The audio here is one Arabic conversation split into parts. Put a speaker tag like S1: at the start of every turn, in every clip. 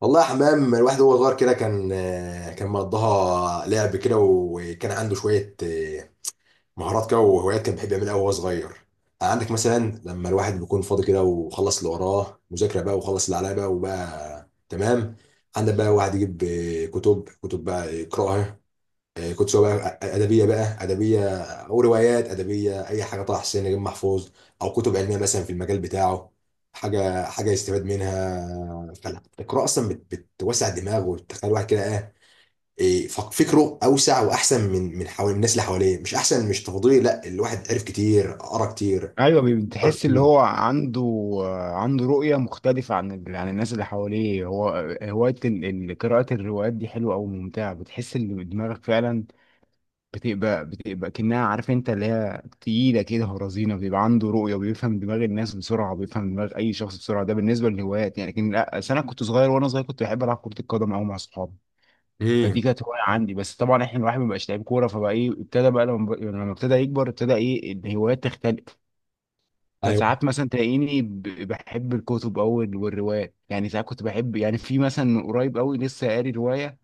S1: والله يا حمام، الواحد وهو صغير كده كان كان مقضاها لعب كده، وكان عنده شوية مهارات كده وهوايات كان بيحب يعملها وهو صغير. عندك مثلا لما الواحد بيكون فاضي كده وخلص اللي وراه مذاكرة بقى، وخلص اللي عليه بقى وبقى تمام، عندك بقى واحد يجيب كتب، كتب بقى يقرأها. كنت سواء بقى ادبيه، بقى ادبيه او روايات ادبيه، اي حاجه، طه حسين، نجيب محفوظ، او كتب علميه مثلا في المجال بتاعه، حاجه حاجه يستفاد منها. فالقراءه اصلا بتوسع الدماغ وبتخلي الواحد كده ايه، فكره اوسع واحسن من حوالي الناس اللي حواليه. مش احسن، مش تفضيلي، لا، الواحد عرف كتير، قرا كتير،
S2: ايوه،
S1: فكر
S2: بتحس اللي
S1: كتير.
S2: هو عنده رؤيه مختلفه عن عن الناس اللي حواليه هو. هوايه قراءه الروايات دي حلوه او ممتعه. بتحس ان دماغك فعلا بتبقى كأنها، عارف انت، اللي هي تقيله كده ورزينه. بيبقى عنده رؤيه وبيفهم دماغ الناس بسرعه، وبيفهم دماغ اي شخص بسرعه. ده بالنسبه للهوايات يعني. لكن لا، أصل انا كنت صغير، وانا صغير كنت بحب العب كره القدم قوي مع اصحابي. فدي
S1: امم.
S2: كانت هوايه عندي، بس طبعا احنا الواحد ما بقاش لعيب كوره، فبقى ايه، ابتدى بقى لما ابتدى يكبر ابتدى ايه الهوايات تختلف.
S1: ايوه.
S2: فساعات مثلا تلاقيني بحب الكتب أوي والروايات، يعني ساعات كنت بحب، يعني في مثلا من قريب أوي لسه قاري رواية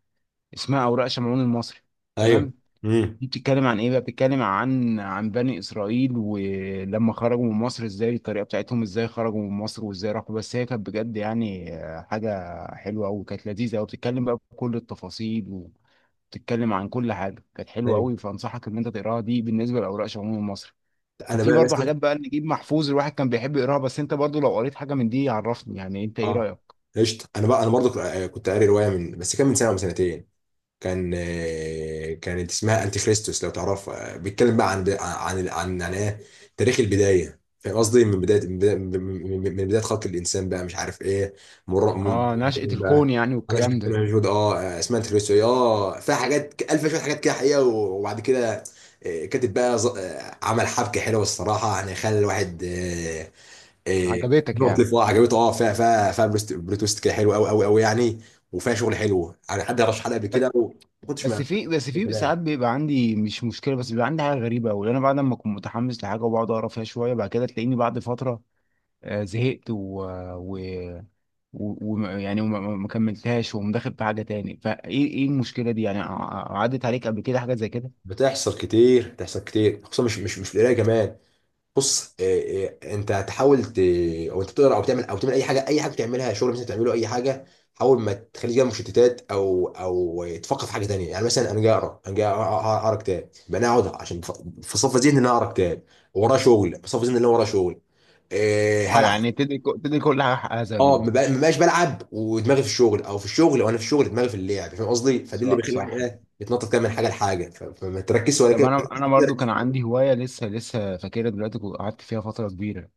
S2: اسمها أوراق شمعون المصري.
S1: ايوه.
S2: تمام.
S1: امم.
S2: دي بتتكلم عن إيه بقى، بتتكلم عن بني إسرائيل ولما خرجوا من مصر، إزاي الطريقة بتاعتهم، إزاي خرجوا من مصر وإزاي راحوا. بس هي كانت بجد يعني، حاجة حلوة أوي، كانت لذيذة أوي، بتتكلم بقى بكل التفاصيل، وبتتكلم عن كل حاجة، كانت حلوة
S1: ايوه،
S2: أوي. فأنصحك إن أنت تقراها، دي بالنسبة لأوراق شمعون المصري. كان
S1: انا
S2: في
S1: بقى
S2: برضه
S1: مثلا،
S2: حاجات بقى، نجيب محفوظ الواحد كان بيحب يقراها. بس انت برضه لو قريت حاجه من دي عرفني، يعني انت ايه
S1: اه،
S2: رايك.
S1: قشطه. انا بقى انا برضو كنت قاري روايه من، بس كان من سنه او من سنتين، كان كانت اسمها انتي كريستوس لو تعرفها. بيتكلم بقى عن يعني ايه، تاريخ البدايه، فاهم قصدي؟ من بدايه، من بدايه، من بدايه خلق الانسان بقى مش عارف ايه. مر م-
S2: اه، نشأة الكون
S1: بقى.
S2: يعني
S1: انا شفت
S2: والكلام
S1: انا
S2: ده.
S1: موجود اه، اسمها انتي كريستوس. اه، فيها حاجات الف شويه حاجات كده حقيقه، وبعد كده كاتب بقى عمل حبكه حلوه الصراحه، يعني خلى الواحد آه، إيه،
S2: عجبتك يعني؟
S1: مختلفة. عجبته اه، فيها بريت تويست كده حلو قوي قوي قوي يعني، وفيها شغل حلو يعني. حد رشح حلقه قبل
S2: ب-
S1: كده ما كنتش
S2: بس
S1: ما.
S2: في بس
S1: ده
S2: في
S1: كلام
S2: ساعات بيبقى عندي مش مشكله، بس بيبقى عندي حاجه غريبه قوي. انا بعد ما اكون متحمس لحاجه وبقعد اقرا فيها شويه، بعد كده تلاقيني بعد فتره زهقت و... و يعني وما ما- ما كملتهاش ومدخل في حاجه تاني. فايه ايه إيه المشكله دي يعني؟ عدت عليك قبل كده حاجه زي كده؟
S1: بتحصل كتير، بتحصل كتير، خصوصا مش في القرايه كمان. بص، إيه انت تحاول ت... او انت بتقرا او تعمل، او تعمل اي حاجه، اي حاجه بتعملها، شغل مثلا تعمله، اي حاجه، حاول ما تخليش جنب مشتتات، او تفكر في حاجه تانيه. يعني مثلا انا جاي اقرا، انا جاي اقرا، اقرا كتاب، يبقى انا اقعد عشان بصفي ذهني ان انا اقرا كتاب، ورايا شغل، بصفي ذهني ان انا ورايا شغل
S2: اه،
S1: هلعب.
S2: يعني تدي كل حاجه حقها زي ما
S1: اه،
S2: بيقولوا.
S1: ما بقاش بلعب ودماغي في الشغل، او في الشغل وانا في الشغل دماغي في اللعب، فاهم قصدي؟ فدي اللي
S2: صح،
S1: بيخلي الواحد
S2: صح.
S1: ايه، يتنطط كده من حاجه لحاجه، فما تركزش ولا
S2: طب،
S1: كده.
S2: انا برضو كان عندي هوايه لسه لسه فاكرها دلوقتي، قعدت فيها فتره كبيره.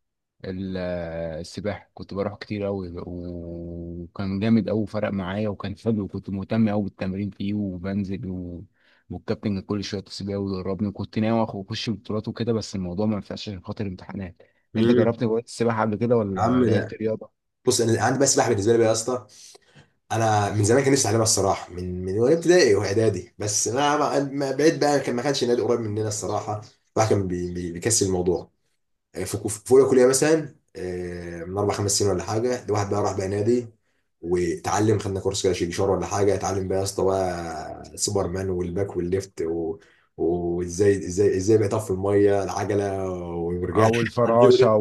S2: السباحه، كنت بروح كتير قوي، وكان جامد قوي فرق معايا، وكان حلو، وكنت مهتم قوي بالتمرين فيه وبنزل والكابتن كان كل شويه يتصل بيا ويدربني، وكنت ناوي اخش بطولات وكده، بس الموضوع ما ينفعش عشان خاطر امتحانات. انت
S1: امم.
S2: جربت هوايه السباحه قبل كده
S1: يا
S2: ولا
S1: عم
S2: لعبت
S1: ده،
S2: رياضه؟
S1: بص، انا عندي بقى سباحه، بالنسبه لي بقى يا اسطى، انا من زمان كان نفسي اتعلمها الصراحه، من، وانا ابتدائي واعدادي، بس بعيد بقى، كان ما كانش نادي قريب مننا الصراحه، الواحد كان بيكسل الموضوع. في في اولى كليه مثلا، من اربع خمس سنين ولا حاجه، الواحد بقى راح بقى نادي واتعلم، خدنا كورس كده شيكشار ولا حاجه، اتعلم بقى يا اسطى بقى، سوبر مان والباك والليفت و... وازاي ازاي ازاي بقى يطفي الميه، العجله والمرجحة.
S2: او
S1: حد يقول
S2: الفراشه
S1: إيه؟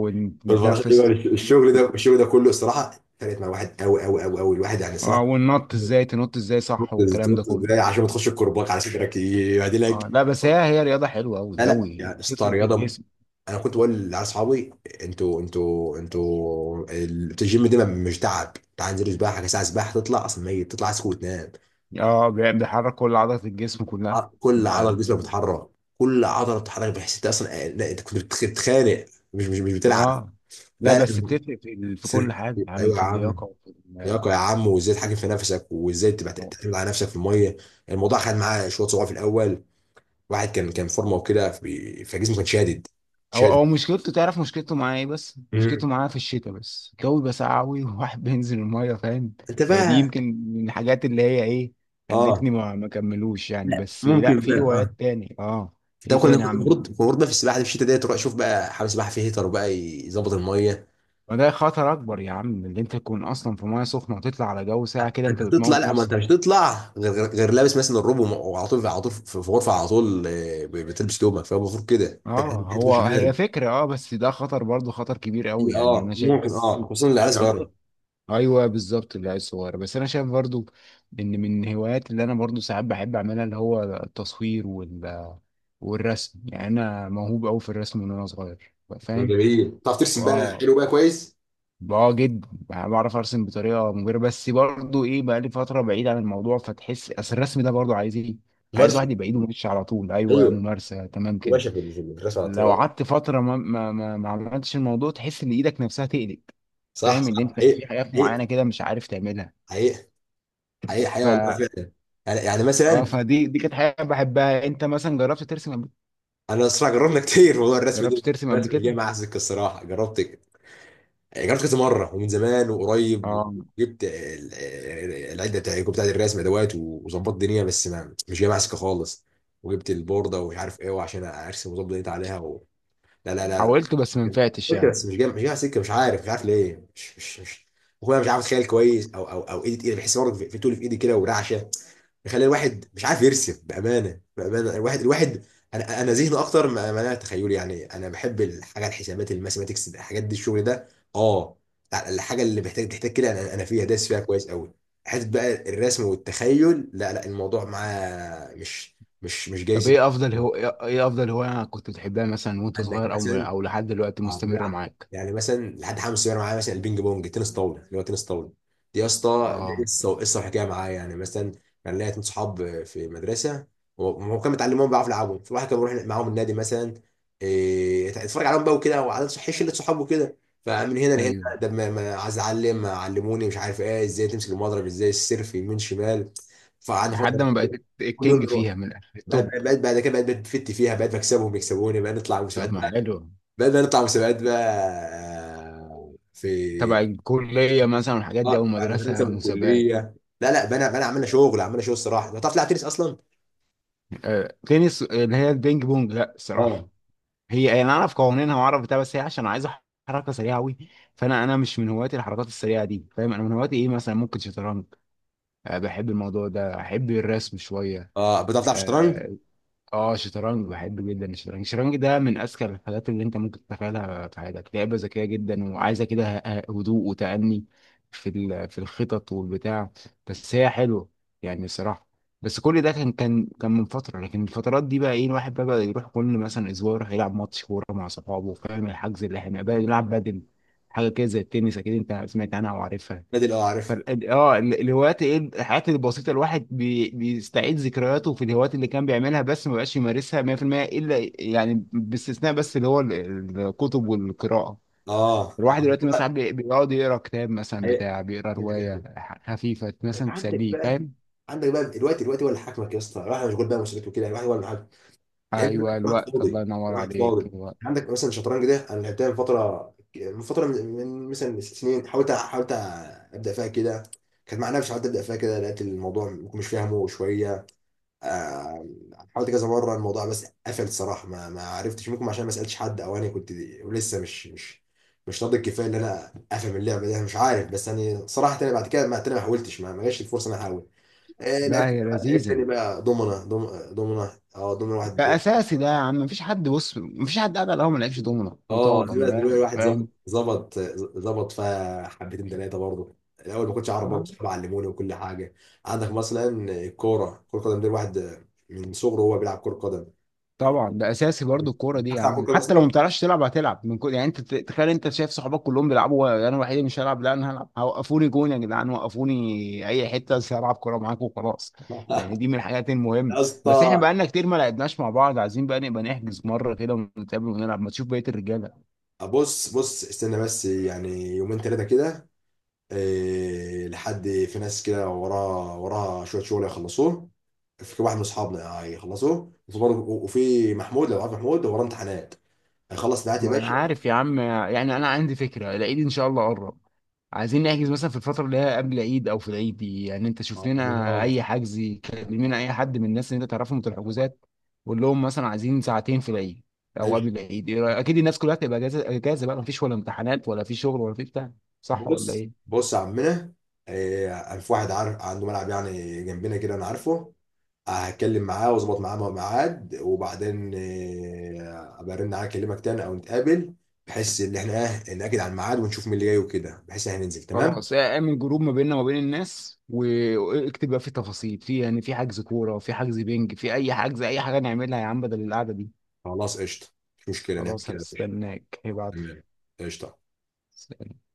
S1: والفراشه،
S2: ونتنفس.
S1: ايوه. الشغل ده، الشغل ده كله الصراحه فرقت مع واحد قوي قوي قوي قوي الواحد يعني
S2: اه،
S1: صراحه.
S2: والنط ازاي تنط ازاي، صح، والكلام ده
S1: تنط.
S2: كله.
S1: ازاي عشان ما تخش الكرباج على صدرك يعدلك.
S2: اه لا، بس هي رياضة حلوة
S1: لا
S2: أوي
S1: لا،
S2: أوي
S1: يعني اسطى
S2: بتفرق في
S1: رياضه،
S2: الجسم.
S1: انا كنت بقول لاصحابي، انتوا الجيم ده مش تعب، تعال انزل سباحه، ساعه سباحه تطلع اصلا ميت، تطلع عايز وتنام.
S2: اه، بيحرك كل عضلة الجسم كلها.
S1: ع- كل عضله
S2: ده-
S1: جسمك بتتحرك، كل عضله بتتحرك، بحيث انت اصلا لا، انت كنت بتتخانق، مش بتلعب.
S2: اه لا،
S1: لا
S2: بس
S1: لا،
S2: بتفرق في كل
S1: سر.
S2: حاجة يا عم،
S1: ايوه يا
S2: في
S1: عم،
S2: اللياقة
S1: لياقه يا عم، وازاي تحاكم في نفسك، وازاي تبقى تعتمد على نفسك في الميه. الموضوع خد معاه شويه صعوبه في الاول، واحد كان فورمه وكده، فجسمه كان شادد
S2: هو
S1: شادد.
S2: هو مشكلته، تعرف مشكلته معاه ايه؟ بس مشكلته
S1: مم.
S2: معاه في الشتاء، بس الجو بيبقى ساقع أوي وواحد بينزل المية، فاهم.
S1: انت
S2: هي دي
S1: بقى،
S2: يمكن من الحاجات اللي هي ايه،
S1: اه،
S2: خلتني ما كملوش يعني.
S1: لا
S2: بس
S1: ممكن
S2: لا،
S1: بقى،
S2: في
S1: اه،
S2: هوايات تاني، اه.
S1: ده
S2: ايه تاني يا عم؟
S1: كنا المفروض بقى في السباحه دي في الشتاء ديت، تروح شوف بقى حمام سباحه فيه هيتر وبقى يظبط الميه.
S2: ما ده خطر اكبر يا عم، اللي انت تكون اصلا في ميه سخنه وتطلع على جو ساقع كده،
S1: انت
S2: انت
S1: بتطلع،
S2: بتموت
S1: لا، ما انت
S2: نفسك.
S1: مش هتطلع غير لابس مثلا الروب، وعلى طول، على طول في في غرفه على طول، بتلبس تومك، فالمفروض كده.
S2: اه،
S1: تخش
S2: هي
S1: بارد،
S2: فكره، اه، بس ده خطر برضه، خطر كبير قوي يعني
S1: اه
S2: انا شايف،
S1: ممكن،
S2: بس
S1: اه، خصوصا العيال
S2: الأنواع-
S1: صغيره.
S2: ايوه بالظبط، العيال الصغيره. بس انا شايف برضه ان من الهوايات اللي انا برضه ساعات بحب اعملها اللي هو التصوير والرسم، يعني انا موهوب قوي في الرسم من وانا صغير، فاهم.
S1: جميل، تعرف ترسم بقى
S2: اه.
S1: حلو بقى كويس،
S2: اه، جدا يعني، بعرف ارسم بطريقه مبهره، بس برضو ايه بقى، لي فتره بعيد عن الموضوع، فتحس اصل الرسم ده برضو عايز ايه. عايز
S1: مرسم.
S2: واحد يبقى ايده ماشيه على طول، ايوه
S1: ايوه
S2: ممارسه، تمام كده.
S1: باشا، في في الرسم على طول.
S2: لو
S1: آه.
S2: قعدت فتره ما عملتش الموضوع تحس ان ايدك نفسها تقلق.
S1: صح
S2: فاهم
S1: صح،
S2: ان انت
S1: حقيقي،
S2: في حاجات
S1: حقيقي،
S2: معينه كده مش عارف تعملها.
S1: حقيقي، حقيقي حقيقي،
S2: ف
S1: والله فعلا. يعني، يعني
S2: اه
S1: مثلا،
S2: فدي كانت حاجه بحبها. انت مثلا جربت ترسم قبل؟
S1: انا الصراحه جربنا كتير موضوع الرسم
S2: جربت
S1: ده،
S2: ترسم قبل
S1: الرسم مش
S2: كده؟
S1: جاي معايا سكه الصراحه، جربت، جربت كذا مره، ومن زمان وقريب،
S2: اه،
S1: وجبت العده بتاع بتاعت الرسم، ادوات، وظبطت الدنيا، بس ما مش جاي معايا سكه خالص. وجبت البورده ومش عارف ايه، وعشان ارسم واظبط دنيتي عليها و... لا لا لا لا.
S2: حاولت بس ما نفعتش
S1: قلت
S2: يعني.
S1: بس مش جاي، مش جاي معايا سكه، مش عارف، مش عارف ليه، مش اخويا مش عارف اتخيل كويس، او ايدي تقيله، بحس برضه في في تقول في ايدي كده ورعشه، بيخلي الواحد مش عارف يرسم. بامانه، بامانه، الواحد، الواحد، انا ذهني اكتر، ما ما انا تخيلي يعني، انا بحب الحاجه، الحسابات، الماثيماتكس، الحاجات دي، الشغل ده، اه لا، الحاجه اللي محتاج تحتاج كده انا انا فيها داس فيها كويس قوي. حته بقى الرسم والتخيل، لا لا، الموضوع معاه مش جاي
S2: طب،
S1: سكة.
S2: ايه افضل هواية كنت بتحبها مثلا وانت
S1: عندك
S2: صغير او
S1: مثلا،
S2: او لحد دلوقتي
S1: اه
S2: مستمرة
S1: بنلعب،
S2: معاك؟
S1: يعني مثلا لحد حاجه مصيره معايا، مثلا البينج بونج، تنس طاوله اللي هو تنس طاوله، دي يا اسطى دي
S2: اه
S1: قصه وحكايه معايا يعني. مثلا كان ليا اتنين صحاب في مدرسه، وهم كانوا متعلمين بيعرفوا يلعبوا، فالواحد كان بيروح معاهم النادي مثلا، يتفرج عليهم بقى وكده، وعلى صحيح شله صحابه وكده. فمن هنا لهنا،
S2: ايوه،
S1: ده ما ما عايز اتعلم، علموني مش عارف ايه، ازاي تمسك المضرب، ازاي السيرف يمين شمال. فقعدنا
S2: لحد
S1: فتره،
S2: ما بقيت
S1: كل يوم
S2: الكينج
S1: نروح،
S2: فيها من الآخر، التوب.
S1: بقيت، بعد كده بقيت بفت فيها، بقيت بكسبهم، يكسبوني، بقيت نطلع
S2: طب
S1: مسابقات.
S2: ما حلو.
S1: بدأنا نطلع مسابقات بقى، في،
S2: تبع الكلية مثلا والحاجات دي او
S1: على المدرسة
S2: المدرسة مسابقات؟
S1: والكلية. لا لا، بنا بنا عملنا شغل، عملنا شغل الصراحة. انت بتعرف تلعب تنس اصلا؟
S2: آه. تنس اللي هي البينج بونج، لا
S1: اه.
S2: الصراحة. هي يعني انا اعرف قوانينها واعرف بتاع، بس هي عشان عايزة حركة سريعة قوي، فانا مش من هواياتي الحركات السريعة دي، فاهم، انا من هواياتي ايه مثلا، ممكن شطرنج. آه، بحب الموضوع ده، احب الرسم شوية.
S1: اه، بتعرف تلعب شطرنج؟
S2: آه. اه، شطرنج بحب جدا. الشطرنج ده من اذكى الحاجات اللي انت ممكن تتخيلها في حياتك. لعبه ذكيه جدا وعايزه كده هدوء وتأني في الخطط والبتاع. بس هي حلوه يعني، الصراحه. بس كل ده كان من فتره، لكن الفترات دي بقى ايه، الواحد بقى يروح كل مثلا اسبوع يروح يلعب ماتش كوره مع صحابه، فاهم، الحجز اللي احنا بقى يلعب بدل. حاجه كده زي التنس، اكيد انت سمعت عنها وعارفها.
S1: نادي، اه عارف.
S2: الهوايات، ايه الحاجات البسيطه، الواحد بيستعيد ذكرياته في الهوايات اللي كان بيعملها، بس ما بقاش يمارسها 100% الا، يعني باستثناء، بس اللي هو الكتب والقراءه.
S1: اه. اه
S2: الواحد دلوقتي مثلا ساعات
S1: والله.
S2: بيقعد يقرا كتاب مثلا
S1: هي-
S2: بتاع، بيقرا روايه
S1: هي.
S2: خفيفه مثلا،
S1: عندك
S2: تسليه،
S1: بقى،
S2: فاهم.
S1: عندك بقى الوقت، الوقت هو اللي حاكمك يا اسطى، الواحد مشغول بقى مسؤوليته كده، الواحد هو اللي هيبقى عندك
S2: ايوه
S1: واحد
S2: الوقت، الله
S1: فاضي،
S2: ينور
S1: واحد
S2: عليك،
S1: فاضي.
S2: الوقت.
S1: عندك مثلا الشطرنج ده، انا لعبتها من فتره، من فتره، من مثلا سنين، حاولت، حاولت ابدا فيها كده، كانت مع نفسي، حاولت ابدا فيها كده، لقيت الموضوع مش فاهمه شويه. آه، حاولت كذا مره الموضوع، بس قفل الصراحه، ما ما عرفتش، ممكن عشان ما سالتش حد، او انا كنت لسه مش مش مش ناضج كفايه ان انا افهم اللعبه دي. أنا مش عارف بس يعني صراحه، انا بعد كده ما انا ما حاولتش، ما ما جاش الفرصه ان انا احاول.
S2: لا،
S1: لعبت
S2: هي
S1: بقى لعبت
S2: لذيذه.
S1: تاني بقى دومنا، دومنا، اه دومنا
S2: ده
S1: واحد.
S2: اساسي، ده يا عم مفيش حد، بص مفيش حد قاعد على القهوه ما لعبش دومنه
S1: اه
S2: وطاوله من
S1: دلوقتي، دلوقتي
S2: الاخر،
S1: الواحد ظبط،
S2: فاهم.
S1: ظبط، ظبط فيها حبتين ثلاثه، برضه الاول ما كنتش اعرف، برضه
S2: اه
S1: صحابي علموني وكل حاجه. عندك مثلا الكوره، كره القدم دي، الواحد من صغره هو بيلعب كره قدم.
S2: طبعا، ده اساسي برضو الكوره دي
S1: بتعرف
S2: يا
S1: تلعب كره
S2: عم،
S1: قدم
S2: حتى لو ما
S1: اصلا؟
S2: بتعرفش تلعب هتلعب. من كل، يعني انت تخيل، انت شايف صحابك كلهم بيلعبوا وانا الوحيد اللي مش هلعب؟ لا انا هلعب، وقفوني جون يا جدعان، وقفوني اي حته بس هلعب كوره معاكم وخلاص. يعني دي من الحاجات المهمه.
S1: يا
S2: بس احنا
S1: اسطى.
S2: بقالنا كتير ما لعبناش مع بعض، عايزين بقى نبقى نحجز مره كده ونتقابل ونلعب، ما تشوف بقيه الرجاله.
S1: بص بص استنى بس، يعني يومين ثلاثه كده، إيه لحد، في ناس كده وراها، وراها شويه شغل يخلصوه، في واحد من اصحابنا هيخلصوه، وفي وفي محمود، لو عارف محمود، وراه امتحانات، هيخلص امتحانات يا
S2: ما انا
S1: باشا.
S2: عارف يا عم، يعني انا عندي فكره، العيد ان شاء الله قرب. عايزين نحجز مثلا في الفتره اللي هي قبل العيد او في العيد دي، يعني انت شوف لنا
S1: خلاص،
S2: اي حجز. كلمنا اي حد من الناس اللي انت تعرفهم في الحجوزات. قول لهم مثلا عايزين ساعتين في العيد، او قبل
S1: ماشي.
S2: العيد، إيه رأيك؟ اكيد الناس كلها هتبقى اجازه اجازه بقى، مفيش ولا امتحانات ولا في شغل ولا في بتاع. صح ولا
S1: بص
S2: ايه؟
S1: بص يا عمنا، في واحد عارف عنده ملعب يعني جنبنا كده انا عارفه، هتكلم معاه واظبط معاه ميعاد، وبعدين ابقى ارن عليك، اكلمك تاني او نتقابل، بحيث ان احنا ايه، ناكد على الميعاد ونشوف مين اللي جاي وكده، بحيث ان احنا ننزل تمام.
S2: خلاص، اعمل جروب ما بيننا وما بين الناس واكتب بقى فيه تفاصيل في، يعني في حجز كوره، في حجز بينج، في اي حجز، اي حاجه نعملها يا عم بدل القعده دي.
S1: خلاص قشطه، مش مشكله نعمل
S2: خلاص،
S1: كده يا باشا.
S2: هستناك هيبعت.
S1: تمام، قشطه.
S2: سلام.